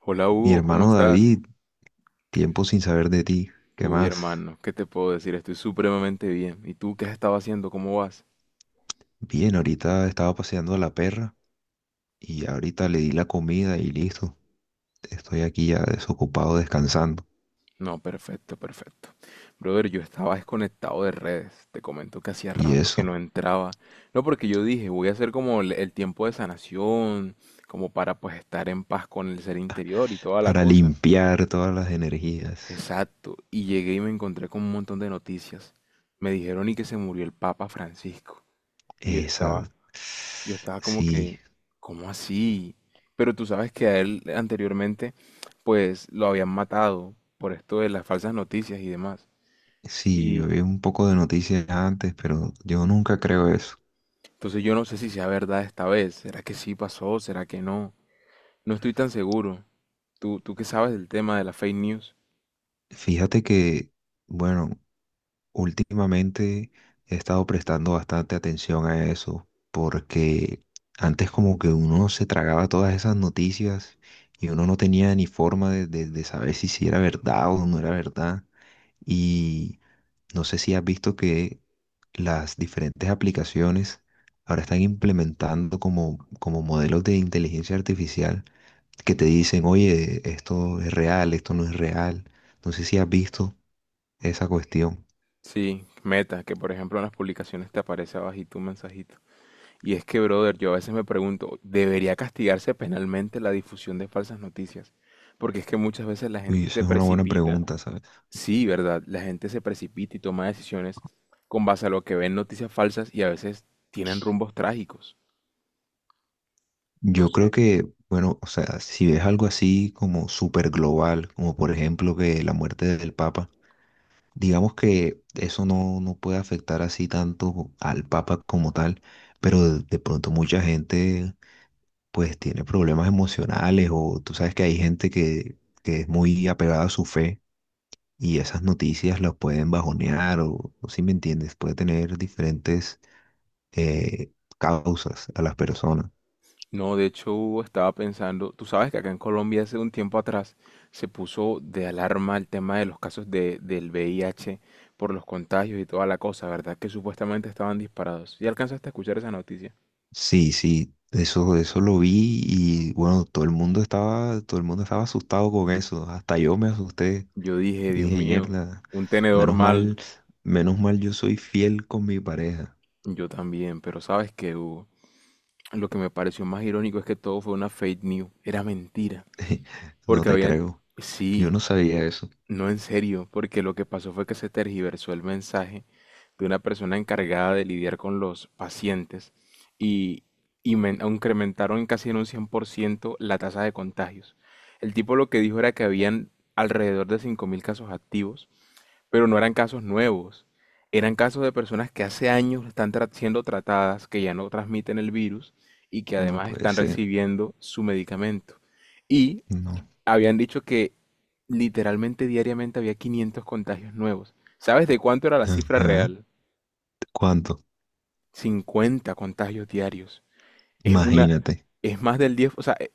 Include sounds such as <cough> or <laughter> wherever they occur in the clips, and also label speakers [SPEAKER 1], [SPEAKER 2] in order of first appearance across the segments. [SPEAKER 1] Hola
[SPEAKER 2] Mi
[SPEAKER 1] Hugo, ¿cómo
[SPEAKER 2] hermano
[SPEAKER 1] estás?
[SPEAKER 2] David, tiempo sin saber de ti. ¿Qué
[SPEAKER 1] Uy,
[SPEAKER 2] más?
[SPEAKER 1] hermano, ¿qué te puedo decir? Estoy supremamente bien. ¿Y tú qué has estado haciendo? ¿Cómo vas?
[SPEAKER 2] Bien, ahorita estaba paseando a la perra y ahorita le di la comida y listo. Estoy aquí ya desocupado descansando.
[SPEAKER 1] No, perfecto, perfecto. Brother, yo estaba desconectado de redes. Te comento que hacía
[SPEAKER 2] Y
[SPEAKER 1] rato que
[SPEAKER 2] eso,
[SPEAKER 1] no entraba. No, porque yo dije, voy a hacer como el tiempo de sanación, como para pues estar en paz con el ser interior y toda la
[SPEAKER 2] para
[SPEAKER 1] cosa.
[SPEAKER 2] limpiar todas las energías.
[SPEAKER 1] Exacto. Y llegué y me encontré con un montón de noticias. Me dijeron y que se murió el Papa Francisco. Y yo
[SPEAKER 2] Esa.
[SPEAKER 1] estaba, Yo estaba como
[SPEAKER 2] Sí,
[SPEAKER 1] que, ¿cómo así? Pero tú sabes que a él anteriormente, pues lo habían matado por esto de las falsas noticias y demás.
[SPEAKER 2] sí, yo vi
[SPEAKER 1] Y
[SPEAKER 2] un poco de noticias antes, pero yo nunca creo eso.
[SPEAKER 1] entonces yo no sé si sea verdad esta vez. ¿Será que sí pasó? ¿Será que no? No estoy tan seguro. ¿Tú qué sabes del tema de la fake news?
[SPEAKER 2] Fíjate que, bueno, Últimamente he estado prestando bastante atención a eso, porque antes como que uno se tragaba todas esas noticias y uno no tenía ni forma de saber si, si era verdad o no era verdad. Y no sé si has visto que las diferentes aplicaciones ahora están implementando como modelos de inteligencia artificial que te dicen, oye, esto es real, esto no es real. No sé si has visto esa cuestión.
[SPEAKER 1] Sí, Meta, que por ejemplo en las publicaciones te aparece abajito un mensajito. Y es que, brother, yo a veces me pregunto, ¿debería castigarse penalmente la difusión de falsas noticias? Porque es que muchas veces la
[SPEAKER 2] Uy,
[SPEAKER 1] gente se
[SPEAKER 2] esa es una buena
[SPEAKER 1] precipita.
[SPEAKER 2] pregunta, ¿sabes?
[SPEAKER 1] Sí, verdad. La gente se precipita y toma decisiones con base a lo que ven noticias falsas y a veces tienen rumbos trágicos. No
[SPEAKER 2] Yo
[SPEAKER 1] sé.
[SPEAKER 2] creo que, bueno, o sea, si ves algo así como súper global, como por ejemplo que la muerte del Papa, digamos que eso no, no puede afectar así tanto al Papa como tal, pero de pronto mucha gente pues tiene problemas emocionales o tú sabes que hay que es muy apegada a su fe y esas noticias las pueden bajonear o si me entiendes, puede tener diferentes eh, causas a las personas.
[SPEAKER 1] No, de hecho estaba pensando, tú sabes que acá en Colombia hace un tiempo atrás se puso de alarma el tema de los casos de, del VIH por los contagios y toda la cosa, ¿verdad? Que supuestamente estaban disparados. ¿Y alcanzaste a escuchar esa noticia?
[SPEAKER 2] Sí, sí, eso lo vi y bueno, todo el mundo estaba asustado con eso. Hasta yo me asusté
[SPEAKER 1] Yo dije,
[SPEAKER 2] y
[SPEAKER 1] Dios
[SPEAKER 2] dije,
[SPEAKER 1] mío,
[SPEAKER 2] mierda,
[SPEAKER 1] un tenedor
[SPEAKER 2] menos mal,
[SPEAKER 1] mal.
[SPEAKER 2] menos mal yo soy fiel con mi pareja.
[SPEAKER 1] Yo también, pero ¿sabes qué, Hugo? Lo que me pareció más irónico es que todo fue una fake news. Era mentira.
[SPEAKER 2] <laughs> No
[SPEAKER 1] Porque
[SPEAKER 2] te
[SPEAKER 1] habían...
[SPEAKER 2] creo. Yo
[SPEAKER 1] Sí,
[SPEAKER 2] no sabía eso.
[SPEAKER 1] no en serio, porque lo que pasó fue que se tergiversó el mensaje de una persona encargada de lidiar con los pacientes y, incrementaron casi en un 100% la tasa de contagios. El tipo lo que dijo era que habían alrededor de 5.000 casos activos, pero no eran casos nuevos. Eran casos de personas que hace años están siendo tratadas, que ya no transmiten el virus y que
[SPEAKER 2] No
[SPEAKER 1] además
[SPEAKER 2] puede
[SPEAKER 1] están
[SPEAKER 2] ser.
[SPEAKER 1] recibiendo su medicamento. Y
[SPEAKER 2] No.
[SPEAKER 1] habían dicho que literalmente diariamente había 500 contagios nuevos. ¿Sabes de cuánto era la cifra
[SPEAKER 2] Ajá.
[SPEAKER 1] real?
[SPEAKER 2] ¿Cuánto?
[SPEAKER 1] 50 contagios diarios. Es una,
[SPEAKER 2] Imagínate.
[SPEAKER 1] es más del 10, o sea,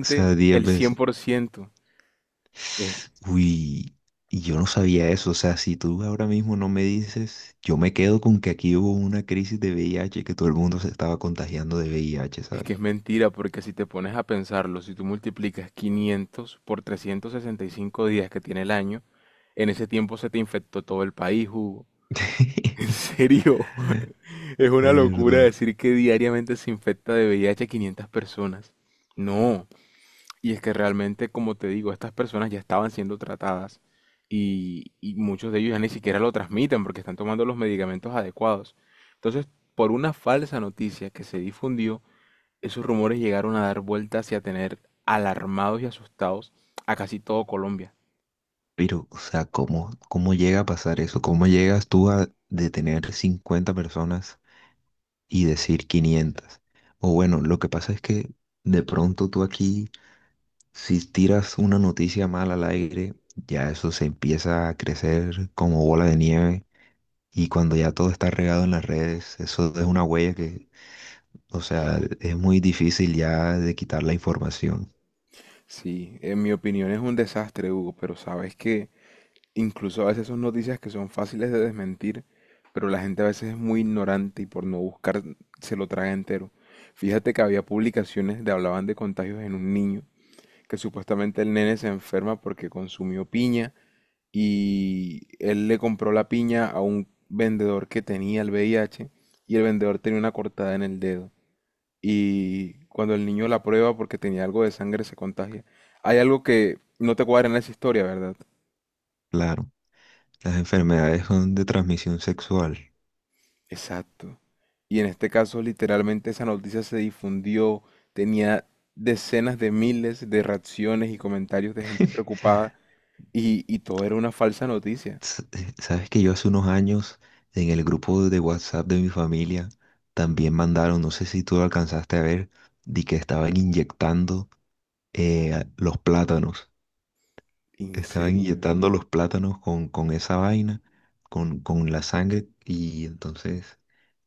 [SPEAKER 2] O sea, 10
[SPEAKER 1] el
[SPEAKER 2] veces.
[SPEAKER 1] 100%. Es,
[SPEAKER 2] Uy, y yo no sabía eso. O sea, si tú ahora mismo no me dices, yo me quedo con que aquí hubo una crisis de VIH, que todo el mundo se estaba contagiando de VIH,
[SPEAKER 1] es
[SPEAKER 2] ¿sabes?
[SPEAKER 1] que es mentira, porque si te pones a pensarlo, si tú multiplicas 500 por 365 días que tiene el año, en ese tiempo se te infectó todo el país, Hugo. <laughs> En
[SPEAKER 2] <laughs>
[SPEAKER 1] serio, es
[SPEAKER 2] De
[SPEAKER 1] una locura
[SPEAKER 2] verdad.
[SPEAKER 1] decir que diariamente se infecta de VIH a 500 personas. No, y es que realmente, como te digo, estas personas ya estaban siendo tratadas y muchos de ellos ya ni siquiera lo transmiten porque están tomando los medicamentos adecuados. Entonces, por una falsa noticia que se difundió, esos rumores llegaron a dar vueltas y a tener alarmados y asustados a casi todo Colombia.
[SPEAKER 2] Pero, o sea, cómo llega a pasar eso? ¿Cómo llegas tú a detener 50 personas y decir quinientas? O bueno, lo que pasa es que de pronto tú aquí, si tiras una noticia mala al aire, ya eso se empieza a crecer como bola de nieve. Y cuando ya todo está regado en las redes, eso es una huella que, o sea, es muy difícil ya de quitar la información.
[SPEAKER 1] Sí, en mi opinión es un desastre, Hugo, pero sabes que incluso a veces son noticias que son fáciles de desmentir, pero la gente a veces es muy ignorante y por no buscar se lo traga entero. Fíjate que había publicaciones de hablaban de contagios en un niño, que supuestamente el nene se enferma porque consumió piña y él le compró la piña a un vendedor que tenía el VIH y el vendedor tenía una cortada en el dedo. Y cuando el niño la prueba porque tenía algo de sangre se contagia. Hay algo que no te cuadra en esa historia, ¿verdad?
[SPEAKER 2] Claro, las enfermedades son de transmisión sexual.
[SPEAKER 1] Exacto. Y en este caso, literalmente esa noticia se difundió, tenía decenas de miles de reacciones y comentarios de gente
[SPEAKER 2] <laughs>
[SPEAKER 1] preocupada y todo era una falsa noticia.
[SPEAKER 2] Sabes que yo hace unos años en el grupo de WhatsApp de mi familia también mandaron, no sé si tú lo alcanzaste a ver, de que estaban inyectando los plátanos.
[SPEAKER 1] En
[SPEAKER 2] Estaban
[SPEAKER 1] serio.
[SPEAKER 2] inyectando los plátanos con esa vaina, con la sangre, y entonces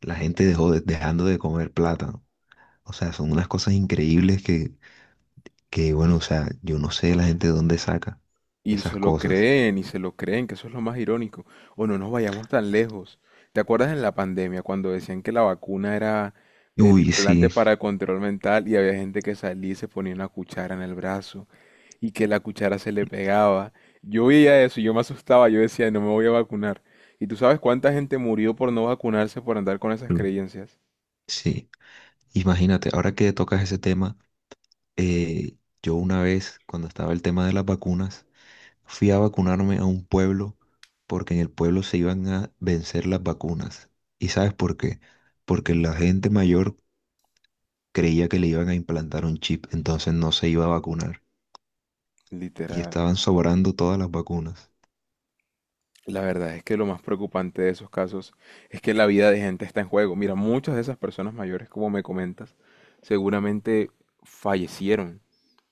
[SPEAKER 2] la gente dejando de comer plátano. O sea, son unas cosas increíbles que, bueno, o sea, yo no sé la gente de dónde saca
[SPEAKER 1] Y
[SPEAKER 2] esas
[SPEAKER 1] se lo
[SPEAKER 2] cosas.
[SPEAKER 1] creen, y se lo creen, que eso es lo más irónico. O no nos vayamos tan lejos. ¿Te acuerdas en la pandemia cuando decían que la vacuna era el
[SPEAKER 2] Uy,
[SPEAKER 1] implante
[SPEAKER 2] sí,
[SPEAKER 1] para control mental y había gente que salía y se ponía una cuchara en el brazo y que la cuchara se le pegaba? Yo veía eso y yo me asustaba, yo decía, no me voy a vacunar. ¿Y tú sabes cuánta gente murió por no vacunarse, por andar con esas
[SPEAKER 2] mm,
[SPEAKER 1] creencias?
[SPEAKER 2] sí. Imagínate, ahora que tocas ese tema, eh, yo una vez, cuando estaba el tema de las vacunas, fui a vacunarme a un pueblo porque en el pueblo se iban a vencer las vacunas. ¿Y sabes por qué? Porque la gente mayor creía que le iban a implantar un chip, entonces no se iba a vacunar. Y
[SPEAKER 1] Literal.
[SPEAKER 2] estaban sobrando todas las vacunas.
[SPEAKER 1] La verdad es que lo más preocupante de esos casos es que la vida de gente está en juego. Mira, muchas de esas personas mayores, como me comentas, seguramente fallecieron,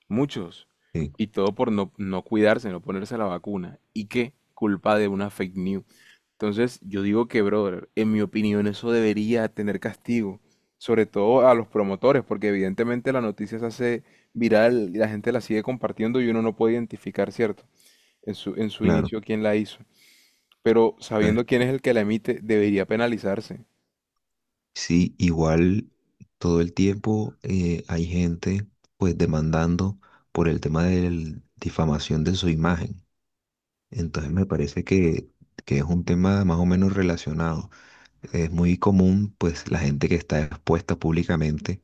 [SPEAKER 1] muchos,
[SPEAKER 2] Sí,
[SPEAKER 1] y todo por no cuidarse, no ponerse la vacuna. ¿Y qué? Culpa de una fake news. Entonces, yo digo que, brother, en mi opinión eso debería tener castigo, sobre todo a los promotores, porque evidentemente la noticia se hace viral y la gente la sigue compartiendo y uno no puede identificar, ¿cierto? En su
[SPEAKER 2] claro.
[SPEAKER 1] inicio, quién la hizo. Pero
[SPEAKER 2] ¿Sabes?
[SPEAKER 1] sabiendo quién es el que la emite, debería penalizarse,
[SPEAKER 2] Sí, igual todo el tiempo hay gente pues demandando por el tema de la difamación de su imagen. Entonces me parece que es un tema más o menos relacionado. Es muy común, pues, la gente que está expuesta públicamente,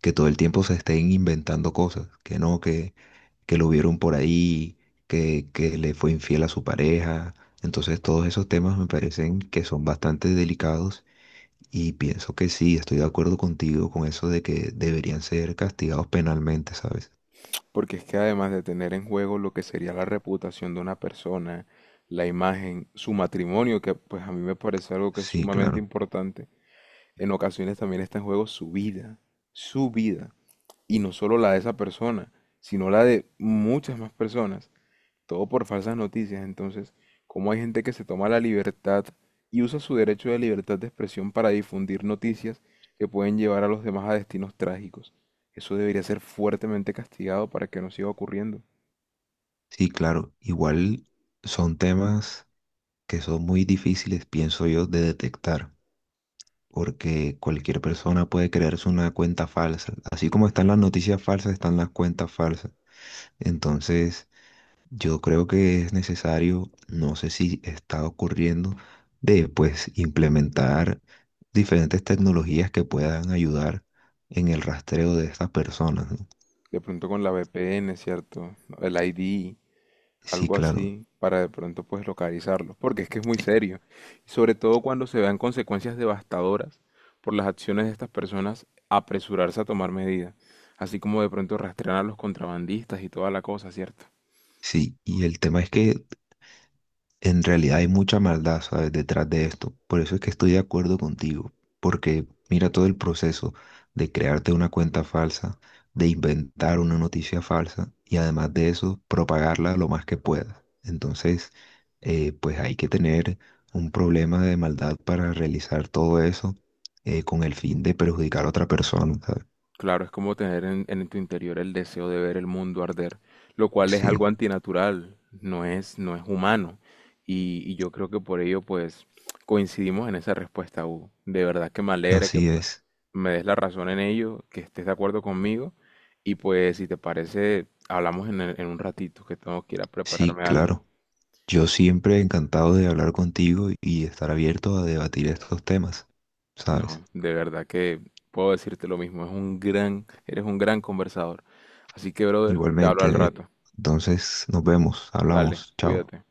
[SPEAKER 2] que todo el tiempo se estén inventando cosas, que no, que lo vieron por ahí, que le fue infiel a su pareja. Entonces, todos esos temas me parecen que son bastante delicados y pienso que sí, estoy de acuerdo contigo con eso de que deberían ser castigados penalmente, ¿sabes?
[SPEAKER 1] porque es que además de tener en juego lo que sería la reputación de una persona, la imagen, su matrimonio, que pues a mí me parece algo que es
[SPEAKER 2] Sí,
[SPEAKER 1] sumamente
[SPEAKER 2] claro.
[SPEAKER 1] importante, en ocasiones también está en juego su vida, y no solo la de esa persona, sino la de muchas más personas. Todo por falsas noticias. Entonces, ¿cómo hay gente que se toma la libertad y usa su derecho de libertad de expresión para difundir noticias que pueden llevar a los demás a destinos trágicos? Eso debería ser fuertemente castigado para que no siga ocurriendo.
[SPEAKER 2] Sí, claro. Igual son temas que son muy difíciles, pienso yo, de detectar, porque cualquier persona puede crearse una cuenta falsa. Así como están las noticias falsas, están las cuentas falsas. Entonces, yo creo que es necesario, no sé si está ocurriendo, de pues implementar diferentes tecnologías que puedan ayudar en el rastreo de estas personas, ¿no?
[SPEAKER 1] De pronto con la VPN, ¿cierto? El ID,
[SPEAKER 2] Sí,
[SPEAKER 1] algo
[SPEAKER 2] claro.
[SPEAKER 1] así, para de pronto pues localizarlo, porque es que es muy serio, y sobre todo cuando se vean consecuencias devastadoras por las acciones de estas personas, apresurarse a tomar medidas, así como de pronto rastrear a los contrabandistas y toda la cosa, ¿cierto?
[SPEAKER 2] Sí, y el tema es que en realidad hay mucha maldad, ¿sabes? Detrás de esto. Por eso es que estoy de acuerdo contigo, porque mira todo el proceso de crearte una cuenta falsa, de inventar una noticia falsa y además de eso, propagarla lo más que puedas. Entonces, pues hay que tener un problema de maldad para realizar todo eso con el fin de perjudicar a otra persona, ¿sabes?
[SPEAKER 1] Claro, es como tener en tu interior el deseo de ver el mundo arder, lo cual es algo
[SPEAKER 2] Sí,
[SPEAKER 1] antinatural, no es humano. Y yo creo que por ello, pues, coincidimos en esa respuesta, Hugo. De verdad que me alegra que,
[SPEAKER 2] así
[SPEAKER 1] pues,
[SPEAKER 2] es.
[SPEAKER 1] me des la razón en ello, que estés de acuerdo conmigo. Y pues, si te parece, hablamos en un ratito, que tengo que ir a
[SPEAKER 2] Sí,
[SPEAKER 1] prepararme algo.
[SPEAKER 2] claro. Yo siempre encantado de hablar contigo y estar abierto a debatir estos temas, ¿sabes?
[SPEAKER 1] No, de verdad que puedo decirte lo mismo, es un eres un gran conversador. Así que, brother, te hablo
[SPEAKER 2] Igualmente,
[SPEAKER 1] al
[SPEAKER 2] David.
[SPEAKER 1] rato.
[SPEAKER 2] Entonces, nos vemos,
[SPEAKER 1] Dale,
[SPEAKER 2] hablamos, chao.
[SPEAKER 1] cuídate.